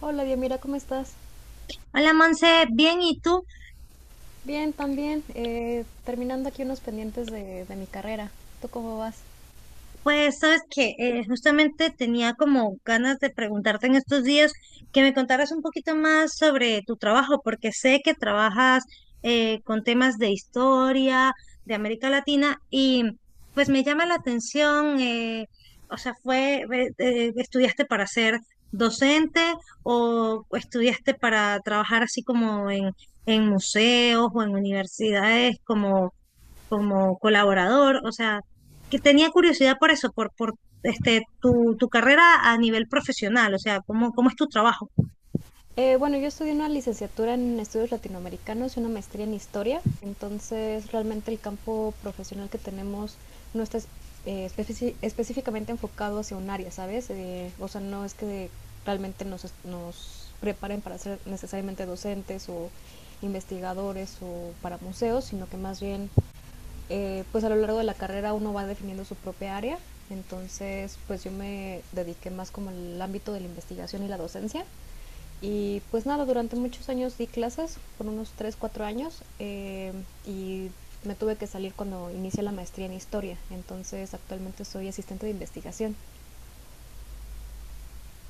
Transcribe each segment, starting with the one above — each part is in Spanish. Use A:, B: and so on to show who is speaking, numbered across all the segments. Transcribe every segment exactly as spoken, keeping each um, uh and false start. A: Hola, bien, mira, ¿cómo estás?
B: Hola Monse, bien, ¿y tú?
A: Bien, también. Eh, terminando aquí unos pendientes de, de mi carrera. ¿Tú cómo vas?
B: Pues sabes que eh, justamente tenía como ganas de preguntarte en estos días que me contaras un poquito más sobre tu trabajo, porque sé que trabajas eh, con temas de historia, de América Latina, y pues me llama la atención, eh, o sea, fue, eh, eh, ¿estudiaste para ser docente o estudiaste para trabajar así como en, en museos o en universidades como como colaborador? O sea, que tenía curiosidad por eso, por, por este, tu, tu carrera a nivel profesional, o sea, cómo, cómo es tu trabajo.
A: Eh, bueno, yo estudié una licenciatura en estudios latinoamericanos y una maestría en historia. Entonces, realmente el campo profesional que tenemos no está es- eh, especi- específicamente enfocado hacia un área, ¿sabes? Eh, o sea, no es que realmente nos, es- nos preparen para ser necesariamente docentes o investigadores o para museos, sino que más bien eh, pues a lo largo de la carrera uno va definiendo su propia área. Entonces pues yo me dediqué más como al ámbito de la investigación y la docencia. Y pues nada, durante muchos años di clases, por unos tres cuatro años, eh, y me tuve que salir cuando inicié la maestría en historia. Entonces actualmente soy asistente de investigación.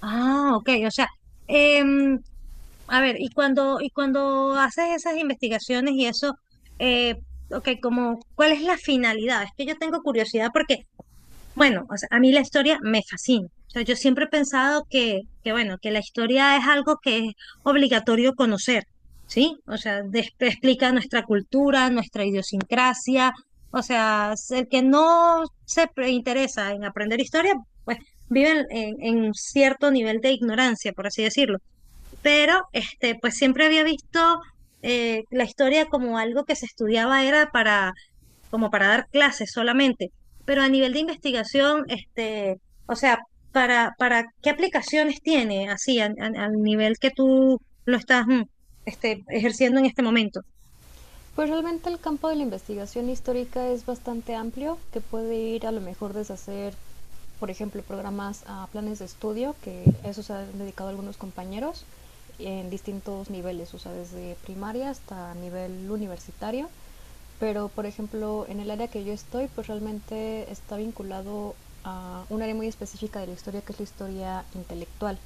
B: Ah, ok, o sea, em, a ver, y cuando, y cuando haces esas investigaciones y eso, eh, ok, como, ¿cuál es la finalidad? Es que yo tengo curiosidad porque bueno, o sea, a mí la historia me fascina. O sea, yo siempre he pensado que, que bueno, que la historia es algo que es obligatorio conocer, ¿sí? O sea, des- explica nuestra cultura, nuestra idiosincrasia. O sea, s- el que no se pre- interesa en aprender historia, pues vive en, en- en cierto nivel de ignorancia, por así decirlo. Pero, este, pues siempre había visto eh, la historia como algo que se estudiaba era para como para dar clases solamente, pero a nivel de investigación, este, o sea, para, para qué aplicaciones tiene así a- a- al nivel que tú lo estás mm, este, ejerciendo en este momento.
A: Pues realmente el campo de la investigación histórica es bastante amplio, que puede ir a lo mejor desde hacer, por ejemplo, programas a planes de estudio, que eso se han dedicado algunos compañeros en distintos niveles, o sea, desde primaria hasta nivel universitario. Pero, por ejemplo, en el área que yo estoy, pues realmente está vinculado a un área muy específica de la historia, que es la historia intelectual.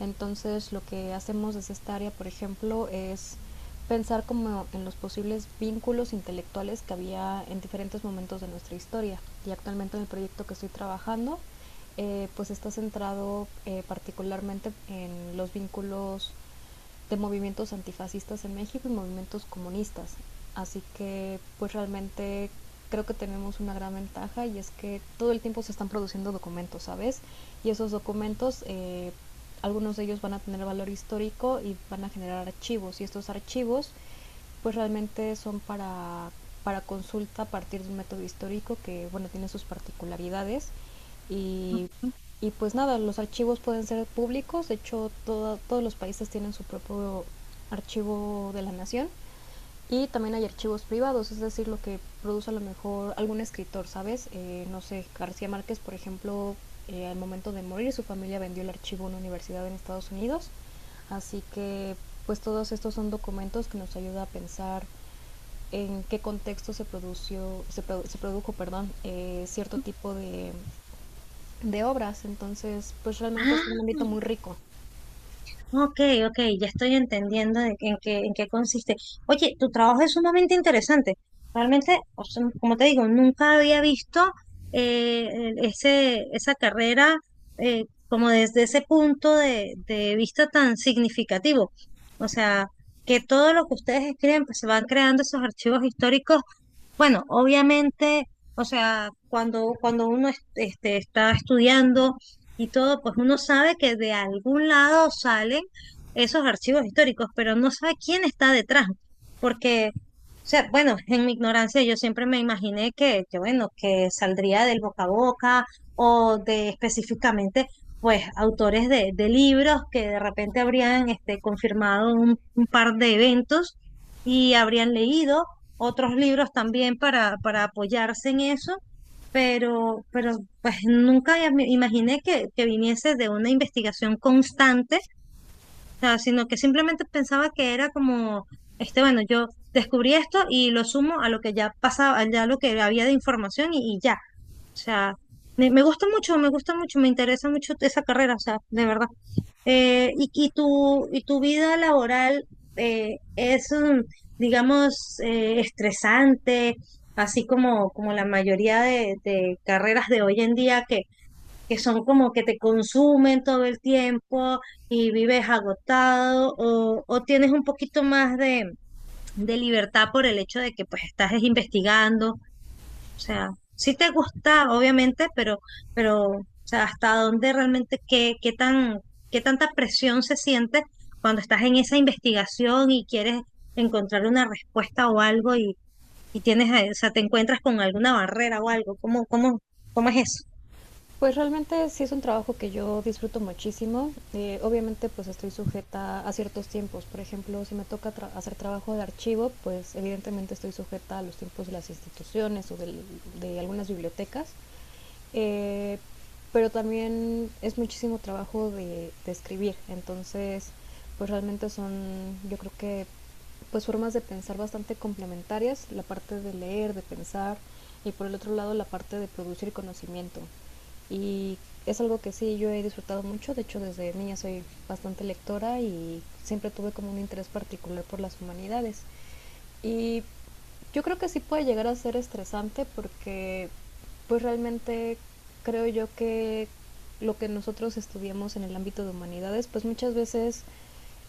A: Entonces, lo que hacemos desde esta área, por ejemplo, es pensar como en los posibles vínculos intelectuales que había en diferentes momentos de nuestra historia. Y actualmente en el proyecto que estoy trabajando, eh, pues está centrado eh, particularmente en los vínculos de movimientos antifascistas en México y movimientos comunistas. Así que pues realmente creo que tenemos una gran ventaja y es que todo el tiempo se están produciendo documentos, ¿sabes? Y esos documentos, eh, algunos de ellos van a tener valor histórico y van a generar archivos. Y estos archivos pues realmente son para, para consulta a partir de un método histórico que, bueno, tiene sus particularidades y, y pues nada, los archivos pueden ser públicos. De hecho todo- todos los países tienen su propio archivo de la nación y también hay archivos privados, es decir, lo que produce a lo mejor algún escritor, ¿sabes? Eh, no sé, García Márquez, por ejemplo, eh, al momento de morir su familia vendió el archivo a una universidad en Estados Unidos. Así que pues todos estos son documentos que nos ayuda a pensar en qué contexto se, produció, se, produ se produjo, perdón, eh, cierto tipo de, de obras. Entonces pues realmente es un
B: Ah,
A: ámbito muy rico.
B: ok, ok, ya estoy entendiendo de- en qué, en qué consiste. Oye, tu trabajo es sumamente interesante. Realmente, o sea, como te digo, nunca había visto eh, el- ese, esa carrera eh, como desde ese punto de, de vista tan significativo. O sea, que todo lo que ustedes escriben, pues se van creando esos archivos históricos, bueno, obviamente, o sea, cuando, cuando uno es- este, está estudiando y todo, pues uno sabe que de algún lado salen esos archivos históricos, pero no sabe quién está detrás, porque, o sea, bueno, en mi ignorancia yo siempre me imaginé que, que bueno, que saldría del boca a boca o de específicamente, pues, autores de, de libros que de repente habrían este, confirmado un un par de eventos y habrían leído otros libros también para, para apoyarse en eso, pero, pero pues nunca ya me imaginé que, que viniese de una investigación constante, o sea, sino que simplemente pensaba que era como, este, bueno, yo descubrí esto y lo sumo a lo que ya pasaba, ya lo que había de información y, y ya, o sea, me, me gusta mucho, me gusta mucho, me interesa mucho esa carrera, o sea, de verdad. Eh, y, y tu, y tu vida laboral eh, es, mm, digamos, eh, estresante, así como, como la mayoría de, de carreras de hoy en día que, que son como que te consumen todo el tiempo y vives agotado o, o tienes un poquito más de, de libertad por el hecho de que pues estás investigando, o sea, sí te gusta, obviamente, pero, pero, o sea, hasta dónde realmente, qué, qué tan, qué tanta presión se siente cuando estás en esa investigación y quieres encontrar una respuesta o algo y, y tienes, eh, o sea, te encuentras con alguna barrera o algo. ¿Cómo, cómo, cómo es eso?
A: Pues realmente sí es un trabajo que yo disfruto muchísimo. Eh, obviamente pues estoy sujeta a ciertos tiempos. Por ejemplo, si me toca tra- hacer trabajo de archivo, pues evidentemente estoy sujeta a los tiempos de las instituciones o del- de algunas bibliotecas. Eh, pero también es muchísimo trabajo de, de escribir. Entonces, pues realmente son, yo creo que pues formas de pensar bastante complementarias. La parte de leer, de pensar, y por el otro lado la parte de producir conocimiento, y es algo que sí yo he disfrutado mucho. De hecho desde niña soy bastante lectora y siempre tuve como un interés particular por las humanidades. Y yo creo que sí puede llegar a ser estresante porque pues realmente creo yo que lo que nosotros estudiamos en el ámbito de humanidades pues muchas veces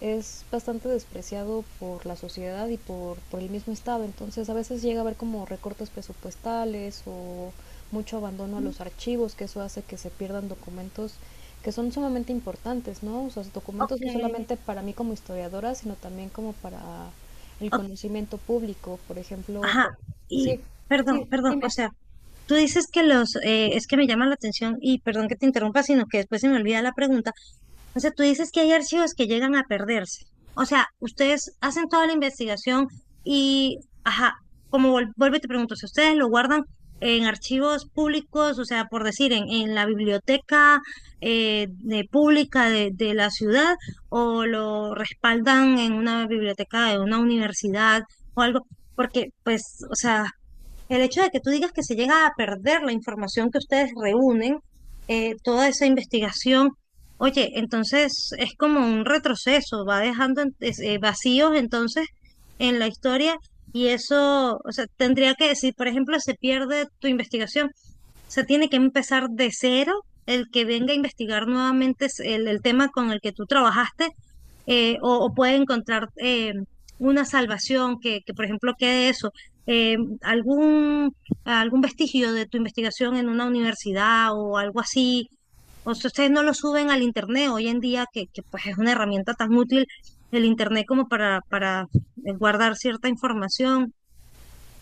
A: es bastante despreciado por la sociedad y por, por el mismo Estado. Entonces a veces llega a haber como recortes presupuestales o mucho abandono a los archivos, que eso hace que se pierdan documentos que son sumamente importantes, ¿no? O sea, documentos
B: Ok,
A: no solamente para mí como historiadora, sino también como para el
B: o-
A: conocimiento público. Por ejemplo,
B: ajá,
A: co-
B: y
A: sí, sí,
B: perdón, perdón, o
A: dime.
B: sea, tú dices que los, eh, es que me llama la atención, y perdón que te interrumpa, sino que después se me olvida la pregunta. O sea, tú dices que hay archivos que llegan a perderse. O sea, ustedes hacen toda la investigación y, ajá, como vol- vuelvo y te pregunto, si ustedes lo guardan en archivos públicos, o sea, por decir, en, en la biblioteca eh, de pública de, de la ciudad, o lo respaldan en una biblioteca de una universidad o algo, porque, pues, o sea... El hecho de que tú digas que se llega a perder la información que ustedes reúnen, eh, toda esa investigación, oye, entonces es como un retroceso, va dejando en- es- eh, vacíos entonces en la historia, y eso, o sea, tendría que, si por ejemplo se pierde tu investigación, se tiene que empezar de cero el que venga a investigar nuevamente es el, el tema con el que tú trabajaste, eh, o, o puede encontrar eh, una salvación que, que, por ejemplo, quede eso, eh, algún, algún vestigio de tu investigación en una universidad o algo así. O sea, ustedes no lo suben al internet hoy en día, que, que pues es una herramienta tan útil el internet como para, para eh, guardar cierta información.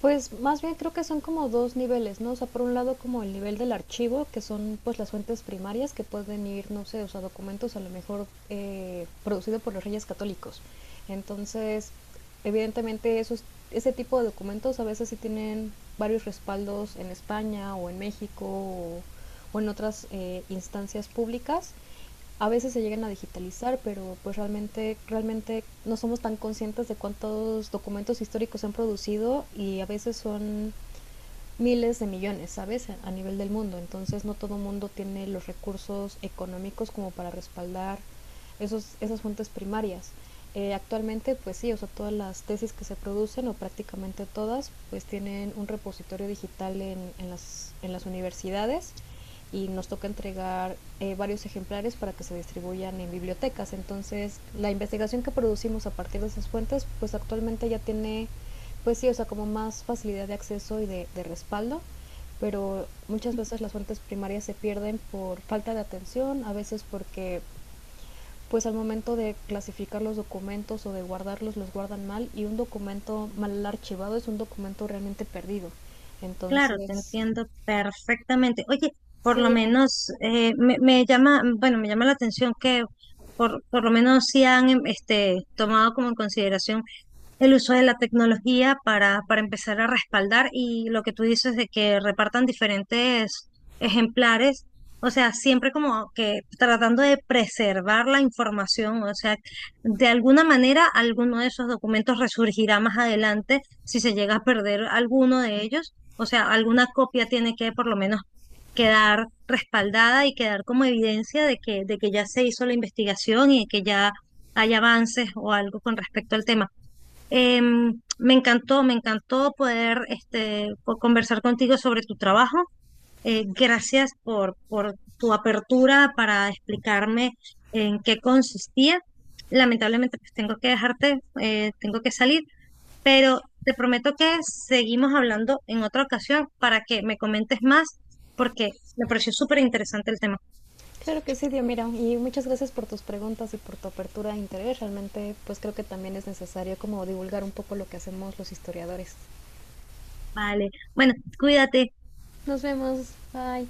A: Pues más bien creo que son como dos niveles, ¿no? O sea, por un lado como el nivel del archivo, que son pues las fuentes primarias que pueden ir, no sé, o sea, documentos a lo mejor eh, producidos por los reyes católicos. Entonces, evidentemente esos, ese tipo de documentos a veces sí tienen varios respaldos en España o en México o, o en otras eh, instancias públicas. A veces se llegan a digitalizar, pero pues realmente, realmente no somos tan conscientes de cuántos documentos históricos se han producido y a veces son miles de millones, ¿sabes? A nivel del mundo. Entonces no todo mundo tiene los recursos económicos como para respaldar esos, esas fuentes primarias. Eh, actualmente, pues sí, o sea, todas las tesis que se producen, o prácticamente todas, pues tienen un repositorio digital en, en, las, en las universidades y nos toca entregar eh, varios ejemplares para que se distribuyan en bibliotecas. Entonces, la investigación que producimos a partir de esas fuentes, pues actualmente ya tiene pues sí, o sea, como más facilidad de acceso y de, de respaldo, pero muchas veces las fuentes primarias se pierden por falta de atención, a veces porque pues al momento de clasificar los documentos o de guardarlos los guardan mal, y un documento mal archivado es un documento realmente perdido.
B: Claro, te
A: Entonces,
B: entiendo perfectamente. Oye, por
A: sí,
B: lo
A: dime.
B: menos eh, me, me llama, bueno, me llama la atención que por, por lo menos sí han em, este, tomado como en consideración el uso de la tecnología para, para empezar a respaldar y lo que tú dices de que repartan diferentes ejemplares, o sea, siempre como que tratando de preservar la información, o sea, de alguna manera alguno de esos documentos resurgirá más adelante si se llega a perder alguno de ellos, o sea, alguna copia tiene que por lo menos quedar respaldada y quedar como evidencia de que, de que ya se hizo la investigación y de que ya hay avances o algo con respecto al tema. Em, me encantó, me encantó poder este, co- conversar contigo sobre tu trabajo. Eh, gracias por, por tu apertura para explicarme en qué consistía. Lamentablemente, pues tengo que dejarte, eh, tengo que salir, pero te prometo que seguimos hablando en otra ocasión para que me comentes más, porque me pareció súper interesante el tema.
A: Claro que sí, Dios, mira, y muchas gracias por tus preguntas y por tu apertura de interés. Realmente, pues creo que también es necesario como divulgar un poco lo que hacemos los historiadores.
B: Vale, bueno, cuídate.
A: Nos vemos, bye.